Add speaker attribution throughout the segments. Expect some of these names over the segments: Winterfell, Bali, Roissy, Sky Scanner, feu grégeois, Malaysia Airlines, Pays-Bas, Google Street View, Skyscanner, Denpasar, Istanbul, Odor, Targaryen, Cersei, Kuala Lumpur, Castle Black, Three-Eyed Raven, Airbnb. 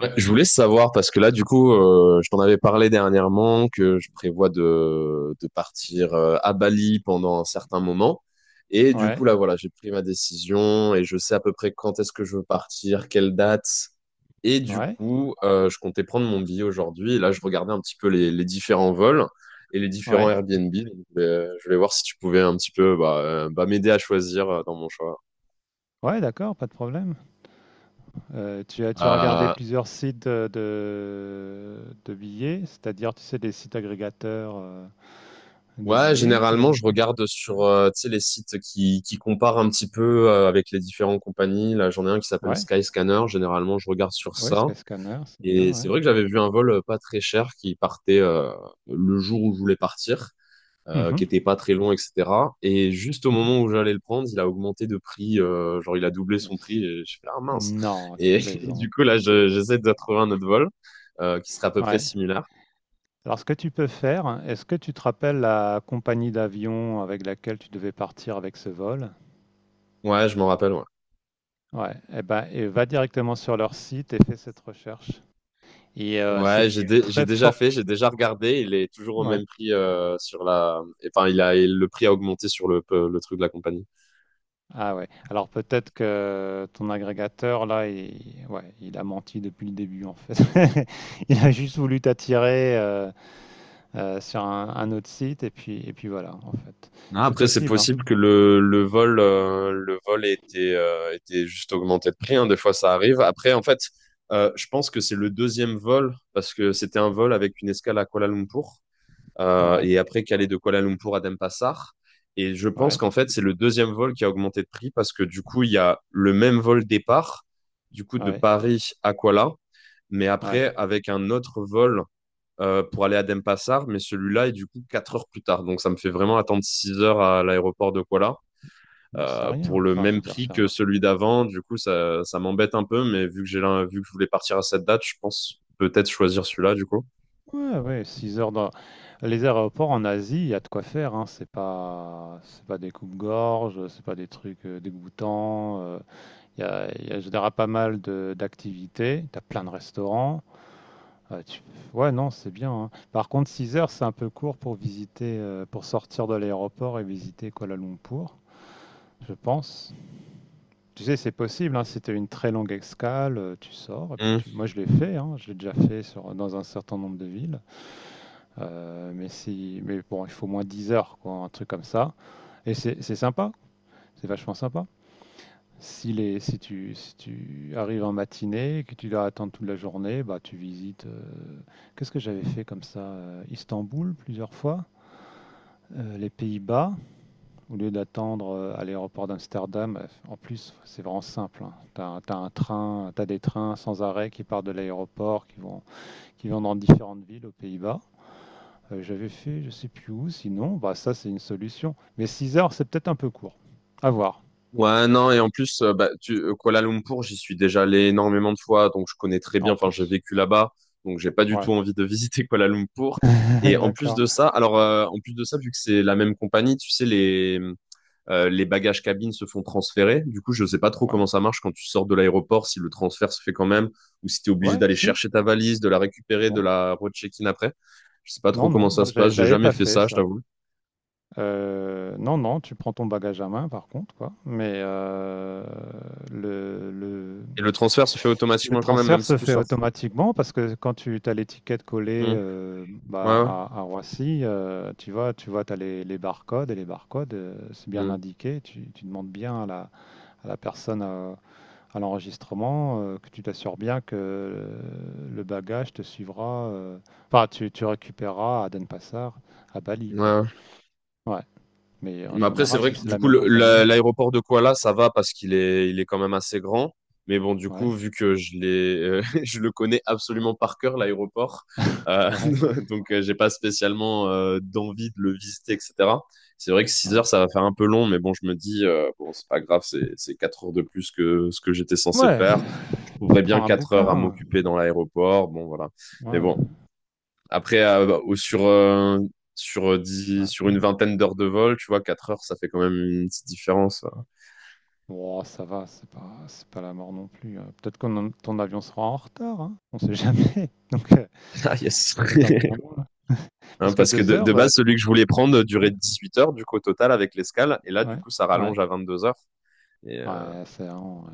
Speaker 1: Ouais, je voulais savoir parce que là, du coup, je t'en avais parlé dernièrement que je prévois de partir à Bali pendant un certain moment. Et du coup,
Speaker 2: Ouais,
Speaker 1: là, voilà, j'ai pris ma décision et je sais à peu près quand est-ce que je veux partir, quelle date. Et du
Speaker 2: ouais,
Speaker 1: coup, je comptais prendre mon billet aujourd'hui. Et là, je regardais un petit peu les différents vols et les différents
Speaker 2: ouais.
Speaker 1: Airbnb. Donc, je voulais voir si tu pouvais un petit peu m'aider à choisir dans mon choix.
Speaker 2: Ouais, d'accord, pas de problème. Tu as, regardé
Speaker 1: Euh,
Speaker 2: plusieurs sites de billets, c'est-à-dire, tu sais, des sites agrégateurs de
Speaker 1: Ouais,
Speaker 2: billets
Speaker 1: généralement,
Speaker 2: que...
Speaker 1: je regarde
Speaker 2: Ouais,
Speaker 1: sur tu sais, les sites qui comparent un petit peu avec les différentes compagnies. Là, j'en ai un qui s'appelle
Speaker 2: ouais,
Speaker 1: Skyscanner. Généralement, je regarde sur
Speaker 2: ouais,
Speaker 1: ça.
Speaker 2: Sky Scanner, c'est bien,
Speaker 1: Et
Speaker 2: ouais.
Speaker 1: c'est vrai que j'avais vu un vol pas très cher qui partait le jour où je voulais partir, qui
Speaker 2: Mhm,
Speaker 1: était pas très long, etc. Et juste au
Speaker 2: mhm.
Speaker 1: moment où j'allais le prendre, il a augmenté de prix. Genre, il a doublé son
Speaker 2: Yes.
Speaker 1: prix. Et je fais, ah mince.
Speaker 2: Non, tu
Speaker 1: Et du
Speaker 2: plaisantes.
Speaker 1: coup, là, j'essaie de trouver un autre vol qui serait à peu près
Speaker 2: Ouais.
Speaker 1: similaire.
Speaker 2: Alors, ce que tu peux faire, hein, est-ce que tu te rappelles la compagnie d'avion avec laquelle tu devais partir avec ce vol?
Speaker 1: Ouais, je m'en rappelle. Ouais.
Speaker 2: Ouais. Eh ben, et va directement sur leur site et fais cette recherche. Et c'est
Speaker 1: Ouais, j'ai
Speaker 2: très
Speaker 1: déjà
Speaker 2: fort.
Speaker 1: fait, j'ai déjà regardé. Il est toujours au
Speaker 2: Ouais.
Speaker 1: même prix sur la. Enfin, il a le prix a augmenté sur le truc de la compagnie.
Speaker 2: Ah ouais. Alors peut-être que ton agrégateur là, il, ouais, il a menti depuis le début en fait. Il a juste voulu t'attirer sur un autre site et puis voilà en fait.
Speaker 1: Non,
Speaker 2: C'est
Speaker 1: après, c'est
Speaker 2: possible, hein.
Speaker 1: possible que le vol le vol ait été était juste augmenté de prix. Hein. Des fois, ça arrive. Après, en fait, je pense que c'est le deuxième vol parce que c'était un vol avec une escale à Kuala Lumpur.
Speaker 2: Ouais,
Speaker 1: Et après Calais de Kuala Lumpur à Denpasar. Et je pense
Speaker 2: ouais,
Speaker 1: qu'en fait, c'est le deuxième vol qui a augmenté de prix parce que du coup, il y a le même vol départ, du coup, de
Speaker 2: ouais,
Speaker 1: Paris à Kuala, mais
Speaker 2: ouais.
Speaker 1: après, avec un autre vol pour aller à Denpasar, mais celui-là est du coup 4 heures plus tard. Donc, ça me fait vraiment attendre 6 heures à l'aéroport de Kuala.
Speaker 2: Bah, c'est rien.
Speaker 1: Pour le
Speaker 2: Enfin, je
Speaker 1: même
Speaker 2: veux dire,
Speaker 1: prix
Speaker 2: c'est
Speaker 1: que
Speaker 2: rien.
Speaker 1: celui d'avant, du coup, ça m'embête un peu, mais vu que vu que je voulais partir à cette date, je pense peut-être choisir celui-là, du coup.
Speaker 2: Ouais, ouais. 6 heures dans les aéroports en Asie, il y a de quoi faire. Hein. C'est pas des coupes-gorges, c'est pas des trucs dégoûtants. Il y a, je dirais, pas mal d'activités. Tu as plein de restaurants. Euh, tu- Ouais, non, c'est bien. Hein. Par contre, 6 heures, c'est un peu court pour visiter, pour sortir de l'aéroport et visiter Kuala Lumpur, je pense. Tu sais, c'est possible. Hein, si tu as une très longue escale, tu sors. Et puis
Speaker 1: Mm.
Speaker 2: Moi, je l'ai fait. Hein, je l'ai déjà fait dans un certain nombre de villes. Mais, si... mais bon, il faut au moins 10 heures, quoi, un truc comme ça. Et c'est sympa. C'est vachement sympa. Si tu arrives en matinée, et que tu dois attendre toute la journée, bah, tu visites. Qu'est-ce que j'avais fait comme ça Istanbul plusieurs fois, les Pays-Bas, au lieu d'attendre à l'aéroport d'Amsterdam. En plus, c'est vraiment simple. Tu as, un train, tu Des trains sans arrêt qui partent de l'aéroport, qui vont, dans différentes villes aux Pays-Bas. J'avais fait, je sais plus où, sinon, bah, ça, c'est une solution. Mais 6 heures, c'est peut-être un peu court. À voir,
Speaker 1: Ouais, non, et en plus, Kuala Lumpur, j'y suis déjà allé énormément de fois, donc je connais très bien,
Speaker 2: en
Speaker 1: enfin, j'ai
Speaker 2: plus.
Speaker 1: vécu là-bas, donc j'ai pas du
Speaker 2: Ouais,
Speaker 1: tout envie de visiter Kuala Lumpur. Et en plus
Speaker 2: d'accord.
Speaker 1: de ça, alors, en plus de ça, vu que c'est la même compagnie, tu sais, les bagages cabines se font transférer. Du coup, je sais pas trop
Speaker 2: Ouais,
Speaker 1: comment ça marche quand tu sors de l'aéroport, si le transfert se fait quand même, ou si t'es obligé
Speaker 2: ouais,
Speaker 1: d'aller
Speaker 2: si.
Speaker 1: chercher ta valise, de la récupérer, de
Speaker 2: Non,
Speaker 1: la recheck-in après. Je sais pas
Speaker 2: non,
Speaker 1: trop
Speaker 2: non,
Speaker 1: comment ça
Speaker 2: moi
Speaker 1: se
Speaker 2: je l'avais
Speaker 1: passe, j'ai jamais
Speaker 2: pas
Speaker 1: fait
Speaker 2: fait
Speaker 1: ça, je
Speaker 2: ça.
Speaker 1: t'avoue.
Speaker 2: Non, non, tu prends ton bagage à main par contre, quoi. Mais le, le,
Speaker 1: Et le transfert se fait
Speaker 2: le
Speaker 1: automatiquement quand même, même
Speaker 2: transfert
Speaker 1: si
Speaker 2: se
Speaker 1: tu
Speaker 2: fait
Speaker 1: sors.
Speaker 2: automatiquement parce que quand tu as l'étiquette collée
Speaker 1: Hmm.
Speaker 2: bah,
Speaker 1: Ouais, ouais.
Speaker 2: à Roissy, tu vois, tu as les barcodes c'est bien
Speaker 1: Hmm.
Speaker 2: indiqué. Tu demandes bien à la personne à l'enregistrement, que tu t'assures bien que le bagage te suivra, enfin tu récupéreras à Denpasar, à Bali,
Speaker 1: Ouais,
Speaker 2: quoi.
Speaker 1: ouais.
Speaker 2: Ouais. Mais en
Speaker 1: Mais après, c'est
Speaker 2: général,
Speaker 1: vrai
Speaker 2: si
Speaker 1: que
Speaker 2: c'est
Speaker 1: du
Speaker 2: la
Speaker 1: coup,
Speaker 2: même compagnie,
Speaker 1: l'aéroport de Kuala, ça va parce qu'il est, il est quand même assez grand. Mais bon, du coup,
Speaker 2: ouais,
Speaker 1: vu que je le connais absolument par cœur, l'aéroport, euh,
Speaker 2: ouais,
Speaker 1: donc j'ai pas spécialement d'envie de le visiter, etc. C'est vrai que 6 heures,
Speaker 2: ouais.
Speaker 1: ça va faire un peu long, mais bon, je me dis, bon, c'est pas grave, c'est 4 heures de plus que ce que j'étais censé
Speaker 2: Ouais,
Speaker 1: faire. Je trouverais bien
Speaker 2: prends un
Speaker 1: 4 heures à
Speaker 2: bouquin.
Speaker 1: m'occuper dans l'aéroport. Bon, voilà. Mais
Speaker 2: Ouais,
Speaker 1: bon, après, sur
Speaker 2: ouais.
Speaker 1: une vingtaine d'heures de vol, tu vois, 4 heures, ça fait quand même une petite différence.
Speaker 2: Oh, ça va, c'est pas, la mort non plus. Peut-être que ton avion sera en retard, hein, on sait jamais. Donc,
Speaker 1: Ah, yes.
Speaker 2: t'en auras moins.
Speaker 1: Hein,
Speaker 2: Parce que
Speaker 1: parce que
Speaker 2: deux heures,
Speaker 1: de
Speaker 2: bah,
Speaker 1: base, celui que je voulais prendre durait 18 heures, du coup, au total, avec l'escale. Et là, du
Speaker 2: ouais,
Speaker 1: coup, ça
Speaker 2: ouais,
Speaker 1: rallonge à 22 heures. Et, euh,
Speaker 2: ouais, c'est vraiment,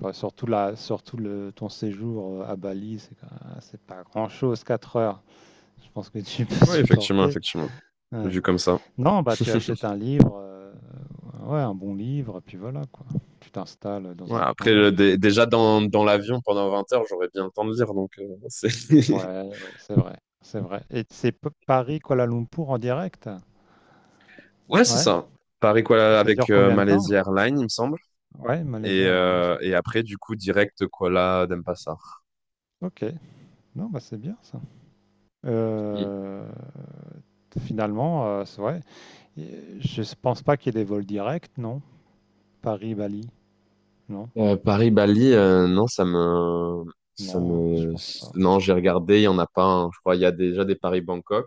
Speaker 2: bah, surtout là, ton séjour à Bali, c'est quand ah, c'est pas grand-chose, 4 heures. Je pense que tu peux
Speaker 1: ouais, effectivement,
Speaker 2: supporter.
Speaker 1: effectivement.
Speaker 2: Ouais.
Speaker 1: Vu comme ça.
Speaker 2: Non, bah tu achètes un livre, ouais, un bon livre, et puis voilà quoi. Tu t'installes dans
Speaker 1: Ouais,
Speaker 2: un
Speaker 1: après,
Speaker 2: coin. Et puis
Speaker 1: déjà
Speaker 2: ça sera bien.
Speaker 1: dans l'avion pendant 20 heures, j'aurais bien le temps de lire. Donc, c'est...
Speaker 2: Ouais, ouais, c'est vrai, c'est vrai. Et c'est Paris-Kuala Lumpur en direct?
Speaker 1: Ouais, c'est
Speaker 2: Ouais.
Speaker 1: ça. Paris Kuala
Speaker 2: Ça
Speaker 1: avec
Speaker 2: dure combien de temps?
Speaker 1: Malaysia Airlines, il me semble.
Speaker 2: Ouais, Malaysia Airlines.
Speaker 1: Et après, du coup, direct Kuala Denpasar.
Speaker 2: Ok. Non, bah c'est bien ça. Euh, Finalement, ouais, et je ne pense pas qu'il y ait des vols directs, non? Paris-Bali, non?
Speaker 1: Paris-Bali, non, ça
Speaker 2: Non, hein, je
Speaker 1: me,
Speaker 2: pense pas.
Speaker 1: non, j'ai regardé, il y en a pas un. Je crois, il y a déjà des Paris-Bangkok.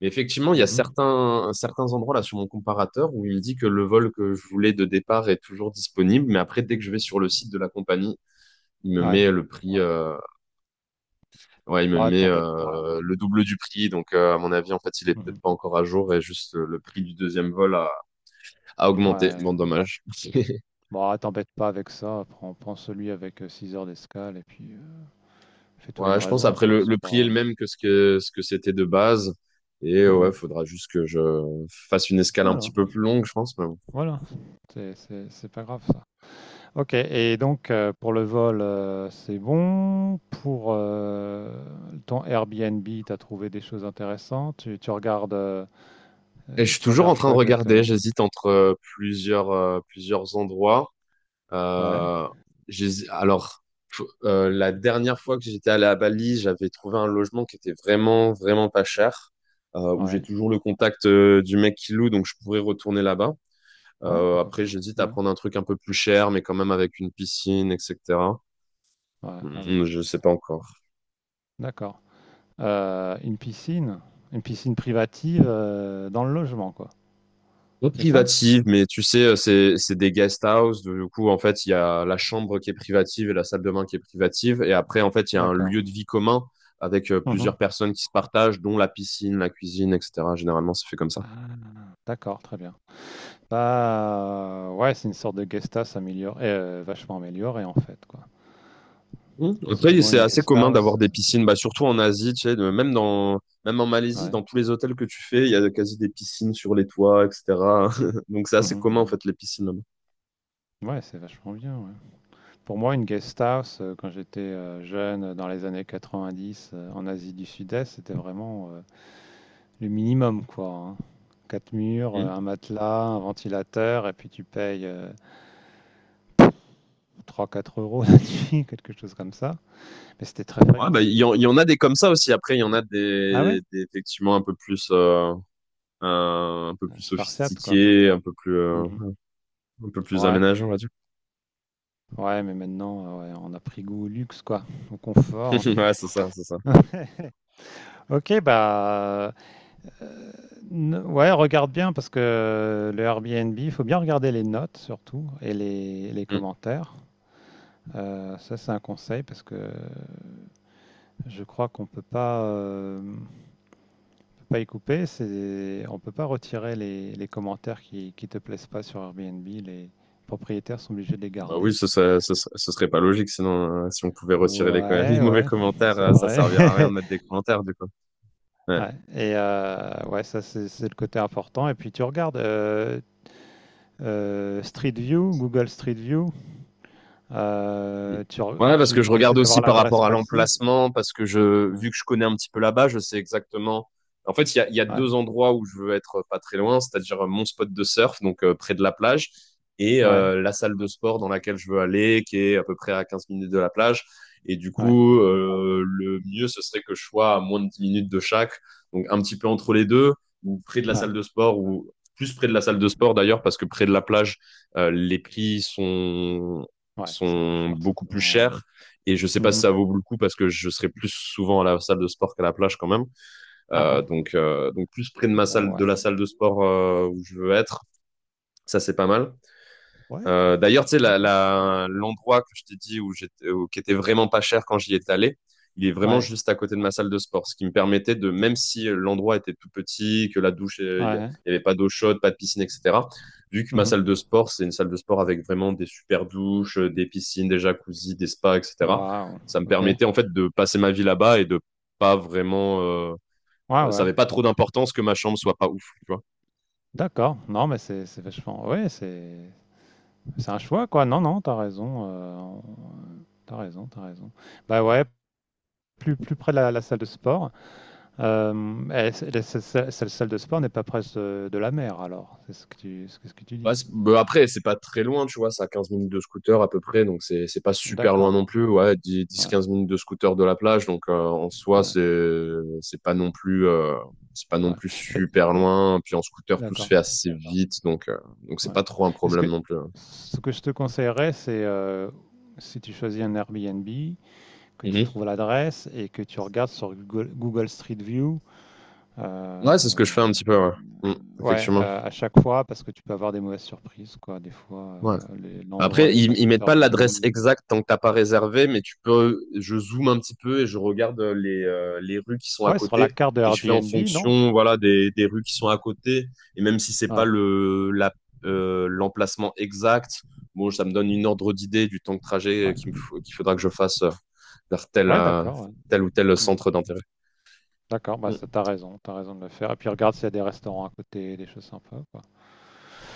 Speaker 1: Mais effectivement, il y a
Speaker 2: Mhm.
Speaker 1: certains endroits là sur mon comparateur où il me dit que le vol que je voulais de départ est toujours disponible, mais après, dès que je vais sur le site de la compagnie, il me
Speaker 2: Ouais,
Speaker 1: met le prix, ouais, il me
Speaker 2: bah
Speaker 1: met
Speaker 2: t'embête pas.
Speaker 1: le double du prix. Donc, à mon avis, en fait, il est peut-être
Speaker 2: Mhm.
Speaker 1: pas encore à jour et juste le prix du deuxième a augmenté.
Speaker 2: Ouais,
Speaker 1: Bon, dommage.
Speaker 2: bah t'embête pas avec ça. Prends celui avec 6 heures d'escale et puis fais-toi une
Speaker 1: Ouais, je pense
Speaker 2: raison,
Speaker 1: après
Speaker 2: quoi. C'est
Speaker 1: le prix est le
Speaker 2: pas.
Speaker 1: même que ce que ce que c'était de base. Et ouais,
Speaker 2: Mhm.
Speaker 1: faudra juste que je fasse une escale un petit
Speaker 2: Voilà,
Speaker 1: peu plus longue, je pense. Mais bon.
Speaker 2: voilà. C'est pas grave ça. Ok, et donc pour le vol, c'est bon. Pour ton Airbnb, t'as trouvé des choses intéressantes. Tu, tu regardes, euh,
Speaker 1: Et je
Speaker 2: euh,
Speaker 1: suis
Speaker 2: tu
Speaker 1: toujours en
Speaker 2: regardes
Speaker 1: train de
Speaker 2: quoi
Speaker 1: regarder,
Speaker 2: exactement?
Speaker 1: j'hésite entre plusieurs endroits.
Speaker 2: Ouais,
Speaker 1: Euh, j'hési- alors la dernière fois que j'étais allé à Bali, j'avais trouvé un logement qui était vraiment pas cher, où j'ai
Speaker 2: ouais,
Speaker 1: toujours le contact du mec qui loue, donc je pourrais retourner là-bas.
Speaker 2: ouais, pourquoi
Speaker 1: Après,
Speaker 2: pas.
Speaker 1: j'hésite à
Speaker 2: Ouais,
Speaker 1: prendre un truc un peu plus cher, mais quand même avec une piscine, etc.
Speaker 2: ouais, ah oui,
Speaker 1: Mmh, je sais pas encore.
Speaker 2: d'accord. Une piscine, privative dans le logement, quoi.
Speaker 1: Pas
Speaker 2: C'est ça?
Speaker 1: privative, mais tu sais, c'est des guest house. Du coup, en fait, il y a la chambre qui est privative et la salle de bain qui est privative. Et après, en fait, il y a un
Speaker 2: D'accord.
Speaker 1: lieu de vie commun avec plusieurs
Speaker 2: Mhm.
Speaker 1: personnes qui se partagent, dont la piscine, la cuisine, etc. Généralement, c'est fait comme ça.
Speaker 2: Ah, d'accord, très bien. Bah, ouais, c'est une sorte de guest house améliorée, vachement améliorée en fait, quoi.
Speaker 1: Mmh.
Speaker 2: Parce que
Speaker 1: Après,
Speaker 2: moi,
Speaker 1: c'est
Speaker 2: une
Speaker 1: assez
Speaker 2: guest
Speaker 1: commun
Speaker 2: house,
Speaker 1: d'avoir des piscines, bah, surtout en Asie, tu sais, même en Malaisie,
Speaker 2: ouais.
Speaker 1: dans tous les hôtels que tu fais, il y a quasi des piscines sur les toits, etc. Donc, c'est assez commun, en
Speaker 2: Mhm,
Speaker 1: fait, les piscines là-bas.
Speaker 2: mhm. Ouais, c'est vachement bien, ouais. Pour moi, une guest house, quand j'étais jeune, dans les années 90, en Asie du Sud-Est, c'était vraiment le minimum, quoi. Hein. Quatre murs, un matelas, un ventilateur, et puis tu payes trois quatre euros la nuit, quelque chose comme ça. Mais c'était très
Speaker 1: Ouais,
Speaker 2: fréquent à
Speaker 1: bah,
Speaker 2: l'époque.
Speaker 1: il y en a des comme ça aussi. Après, il y en a
Speaker 2: Ah ouais?
Speaker 1: des effectivement un peu plus, un peu plus
Speaker 2: Spartiate, quoi.
Speaker 1: sophistiqués,
Speaker 2: Mhm.
Speaker 1: un peu plus
Speaker 2: Ouais,
Speaker 1: aménagés, on va dire.
Speaker 2: ouais, mais maintenant, ouais, on a pris goût au luxe, quoi, au confort.
Speaker 1: Ouais, c'est ça, c'est ça.
Speaker 2: Ok, bah, ouais, regarde bien parce que le Airbnb, il faut bien regarder les notes surtout et les
Speaker 1: Mm.
Speaker 2: commentaires. Ça, c'est un conseil parce que je crois qu'on peut pas. Pas y couper, c'est on peut pas retirer les commentaires qui te plaisent pas sur Airbnb. Les propriétaires sont obligés de les
Speaker 1: Bah oui,
Speaker 2: garder.
Speaker 1: ce serait ce serait pas logique sinon. Si on pouvait retirer les
Speaker 2: Ouais,
Speaker 1: mauvais
Speaker 2: ouais,
Speaker 1: commentaires,
Speaker 2: c'est
Speaker 1: ça servirait à rien
Speaker 2: vrai.
Speaker 1: de mettre des commentaires, du coup. Ouais.
Speaker 2: Ouais. Et ouais, ça c'est le côté important. Et puis tu regardes Street View, Google Street View.
Speaker 1: Mm.
Speaker 2: euh, tu re-
Speaker 1: Ouais, parce que
Speaker 2: tu
Speaker 1: je
Speaker 2: essaies
Speaker 1: regarde
Speaker 2: d'avoir
Speaker 1: aussi par
Speaker 2: l'adresse
Speaker 1: rapport à
Speaker 2: précise.
Speaker 1: l'emplacement, parce que je,
Speaker 2: Ouais,
Speaker 1: vu que je connais un petit peu là-bas, je sais exactement. En fait, il y a
Speaker 2: ouais,
Speaker 1: deux endroits où je veux être pas très loin, c'est-à-dire mon spot de surf, donc près de la plage, et
Speaker 2: ouais,
Speaker 1: la salle de sport dans laquelle je veux aller, qui est à peu près à 15 minutes de la plage. Et du
Speaker 2: ouais,
Speaker 1: coup, le mieux, ce serait que je sois à moins de 10 minutes de chaque, donc un petit peu entre les deux, ou près de la
Speaker 2: ouais,
Speaker 1: salle de sport, ou plus près de la salle de sport d'ailleurs, parce que près de la plage, les prix sont
Speaker 2: ouais, ils sont plus
Speaker 1: sont
Speaker 2: chers
Speaker 1: beaucoup plus
Speaker 2: certainement. Ouais.
Speaker 1: chères. Et je sais pas si
Speaker 2: Mhm.
Speaker 1: ça vaut le coup parce que je serai plus souvent à la salle de sport qu'à la plage quand même.
Speaker 2: Ah, ah.
Speaker 1: Donc plus près de ma salle, de
Speaker 2: Ouais,
Speaker 1: la salle de sport où je veux être, ça c'est pas mal.
Speaker 2: ouais,
Speaker 1: D'ailleurs, tu sais,
Speaker 2: ouais,
Speaker 1: l'endroit que je t'ai dit où j'étais, qui était vraiment pas cher quand j'y étais allé, il est vraiment
Speaker 2: ouais,
Speaker 1: juste à côté de ma salle de sport, ce qui me permettait de, même si l'endroit était tout petit, que la douche,
Speaker 2: ouais.
Speaker 1: il y avait pas d'eau chaude, pas de piscine, etc. Vu que ma
Speaker 2: Mhm.
Speaker 1: salle de sport, c'est une salle de sport avec vraiment des super douches, des piscines, des jacuzzis, des spas, etc.
Speaker 2: Wow,
Speaker 1: Ça me
Speaker 2: ok. Ouais,
Speaker 1: permettait en fait de passer ma vie là-bas et de pas vraiment ça
Speaker 2: ouais.
Speaker 1: n'avait pas trop d'importance que ma chambre soit pas ouf, tu vois.
Speaker 2: D'accord. Non, mais c'est vachement. Ouais, c'est un choix, quoi. Non, non, t'as raison. T'as raison, t'as raison. Bah ouais, plus près la salle de sport. Euh, cette salle de sport n'est pas près de la mer, alors. C'est ce que tu
Speaker 1: Bah,
Speaker 2: dis.
Speaker 1: bah, après, c'est pas très loin, tu vois, c'est à 15 minutes de scooter à peu près, donc c'est pas super loin
Speaker 2: D'accord.
Speaker 1: non plus, ouais, dix
Speaker 2: Ouais,
Speaker 1: quinze minutes de scooter de la plage, donc en soi,
Speaker 2: ouais,
Speaker 1: c'est pas non plus c'est pas non
Speaker 2: ouais.
Speaker 1: plus
Speaker 2: Mais-
Speaker 1: super
Speaker 2: et-
Speaker 1: loin, puis en scooter, tout se
Speaker 2: D'accord.
Speaker 1: fait assez vite, donc c'est
Speaker 2: Ouais.
Speaker 1: pas trop un
Speaker 2: Est-ce
Speaker 1: problème
Speaker 2: que
Speaker 1: non plus. Hein.
Speaker 2: Ce que je te conseillerais, c'est si tu choisis un Airbnb. Que tu
Speaker 1: Mhm.
Speaker 2: trouves l'adresse et que tu regardes sur Google Street View.
Speaker 1: Ouais, c'est ce que je fais un
Speaker 2: euh,
Speaker 1: petit peu, ouais. Mm,
Speaker 2: ouais,
Speaker 1: effectivement.
Speaker 2: à chaque fois, parce que tu peux avoir des mauvaises surprises, quoi. Des fois,
Speaker 1: Ouais.
Speaker 2: l'endroit
Speaker 1: Après,
Speaker 2: n'est pas
Speaker 1: ils mettent
Speaker 2: super
Speaker 1: pas l'adresse
Speaker 2: joli.
Speaker 1: exacte tant que t'as pas réservé, mais tu peux, je zoome un petit peu et je regarde les rues qui sont à
Speaker 2: Ouais, sur la
Speaker 1: côté
Speaker 2: carte de
Speaker 1: et je fais en
Speaker 2: Airbnb, non?
Speaker 1: fonction, voilà, des rues qui sont à
Speaker 2: Ouais,
Speaker 1: côté. Et même si c'est pas
Speaker 2: ouais,
Speaker 1: l'emplacement exact, bon, ça me donne une ordre d'idée du temps de trajet
Speaker 2: ouais.
Speaker 1: qu'il faudra que je fasse vers tel,
Speaker 2: Ouais,
Speaker 1: euh,
Speaker 2: d'accord. Ouais.
Speaker 1: tel ou tel
Speaker 2: Mhm.
Speaker 1: centre d'intérêt.
Speaker 2: D'accord, bah
Speaker 1: Mm.
Speaker 2: ça, t'as raison, de le faire. Et puis regarde s'il y a des restaurants à côté, des choses sympas, quoi.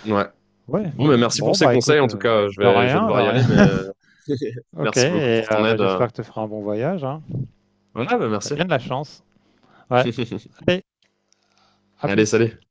Speaker 1: Ouais.
Speaker 2: Ouais.
Speaker 1: Bon, mais merci pour
Speaker 2: Bon,
Speaker 1: ces
Speaker 2: bah
Speaker 1: conseils.
Speaker 2: écoute,
Speaker 1: En tout cas,
Speaker 2: de
Speaker 1: je vais
Speaker 2: rien, de
Speaker 1: devoir y aller,
Speaker 2: rien.
Speaker 1: mais
Speaker 2: Ok,
Speaker 1: merci beaucoup
Speaker 2: et
Speaker 1: pour ton
Speaker 2: bah,
Speaker 1: aide.
Speaker 2: j'espère que tu feras un bon voyage, hein.
Speaker 1: Voilà, bah
Speaker 2: T'as
Speaker 1: merci.
Speaker 2: bien de la chance. Ouais. Allez. À
Speaker 1: Allez,
Speaker 2: plus.
Speaker 1: salut.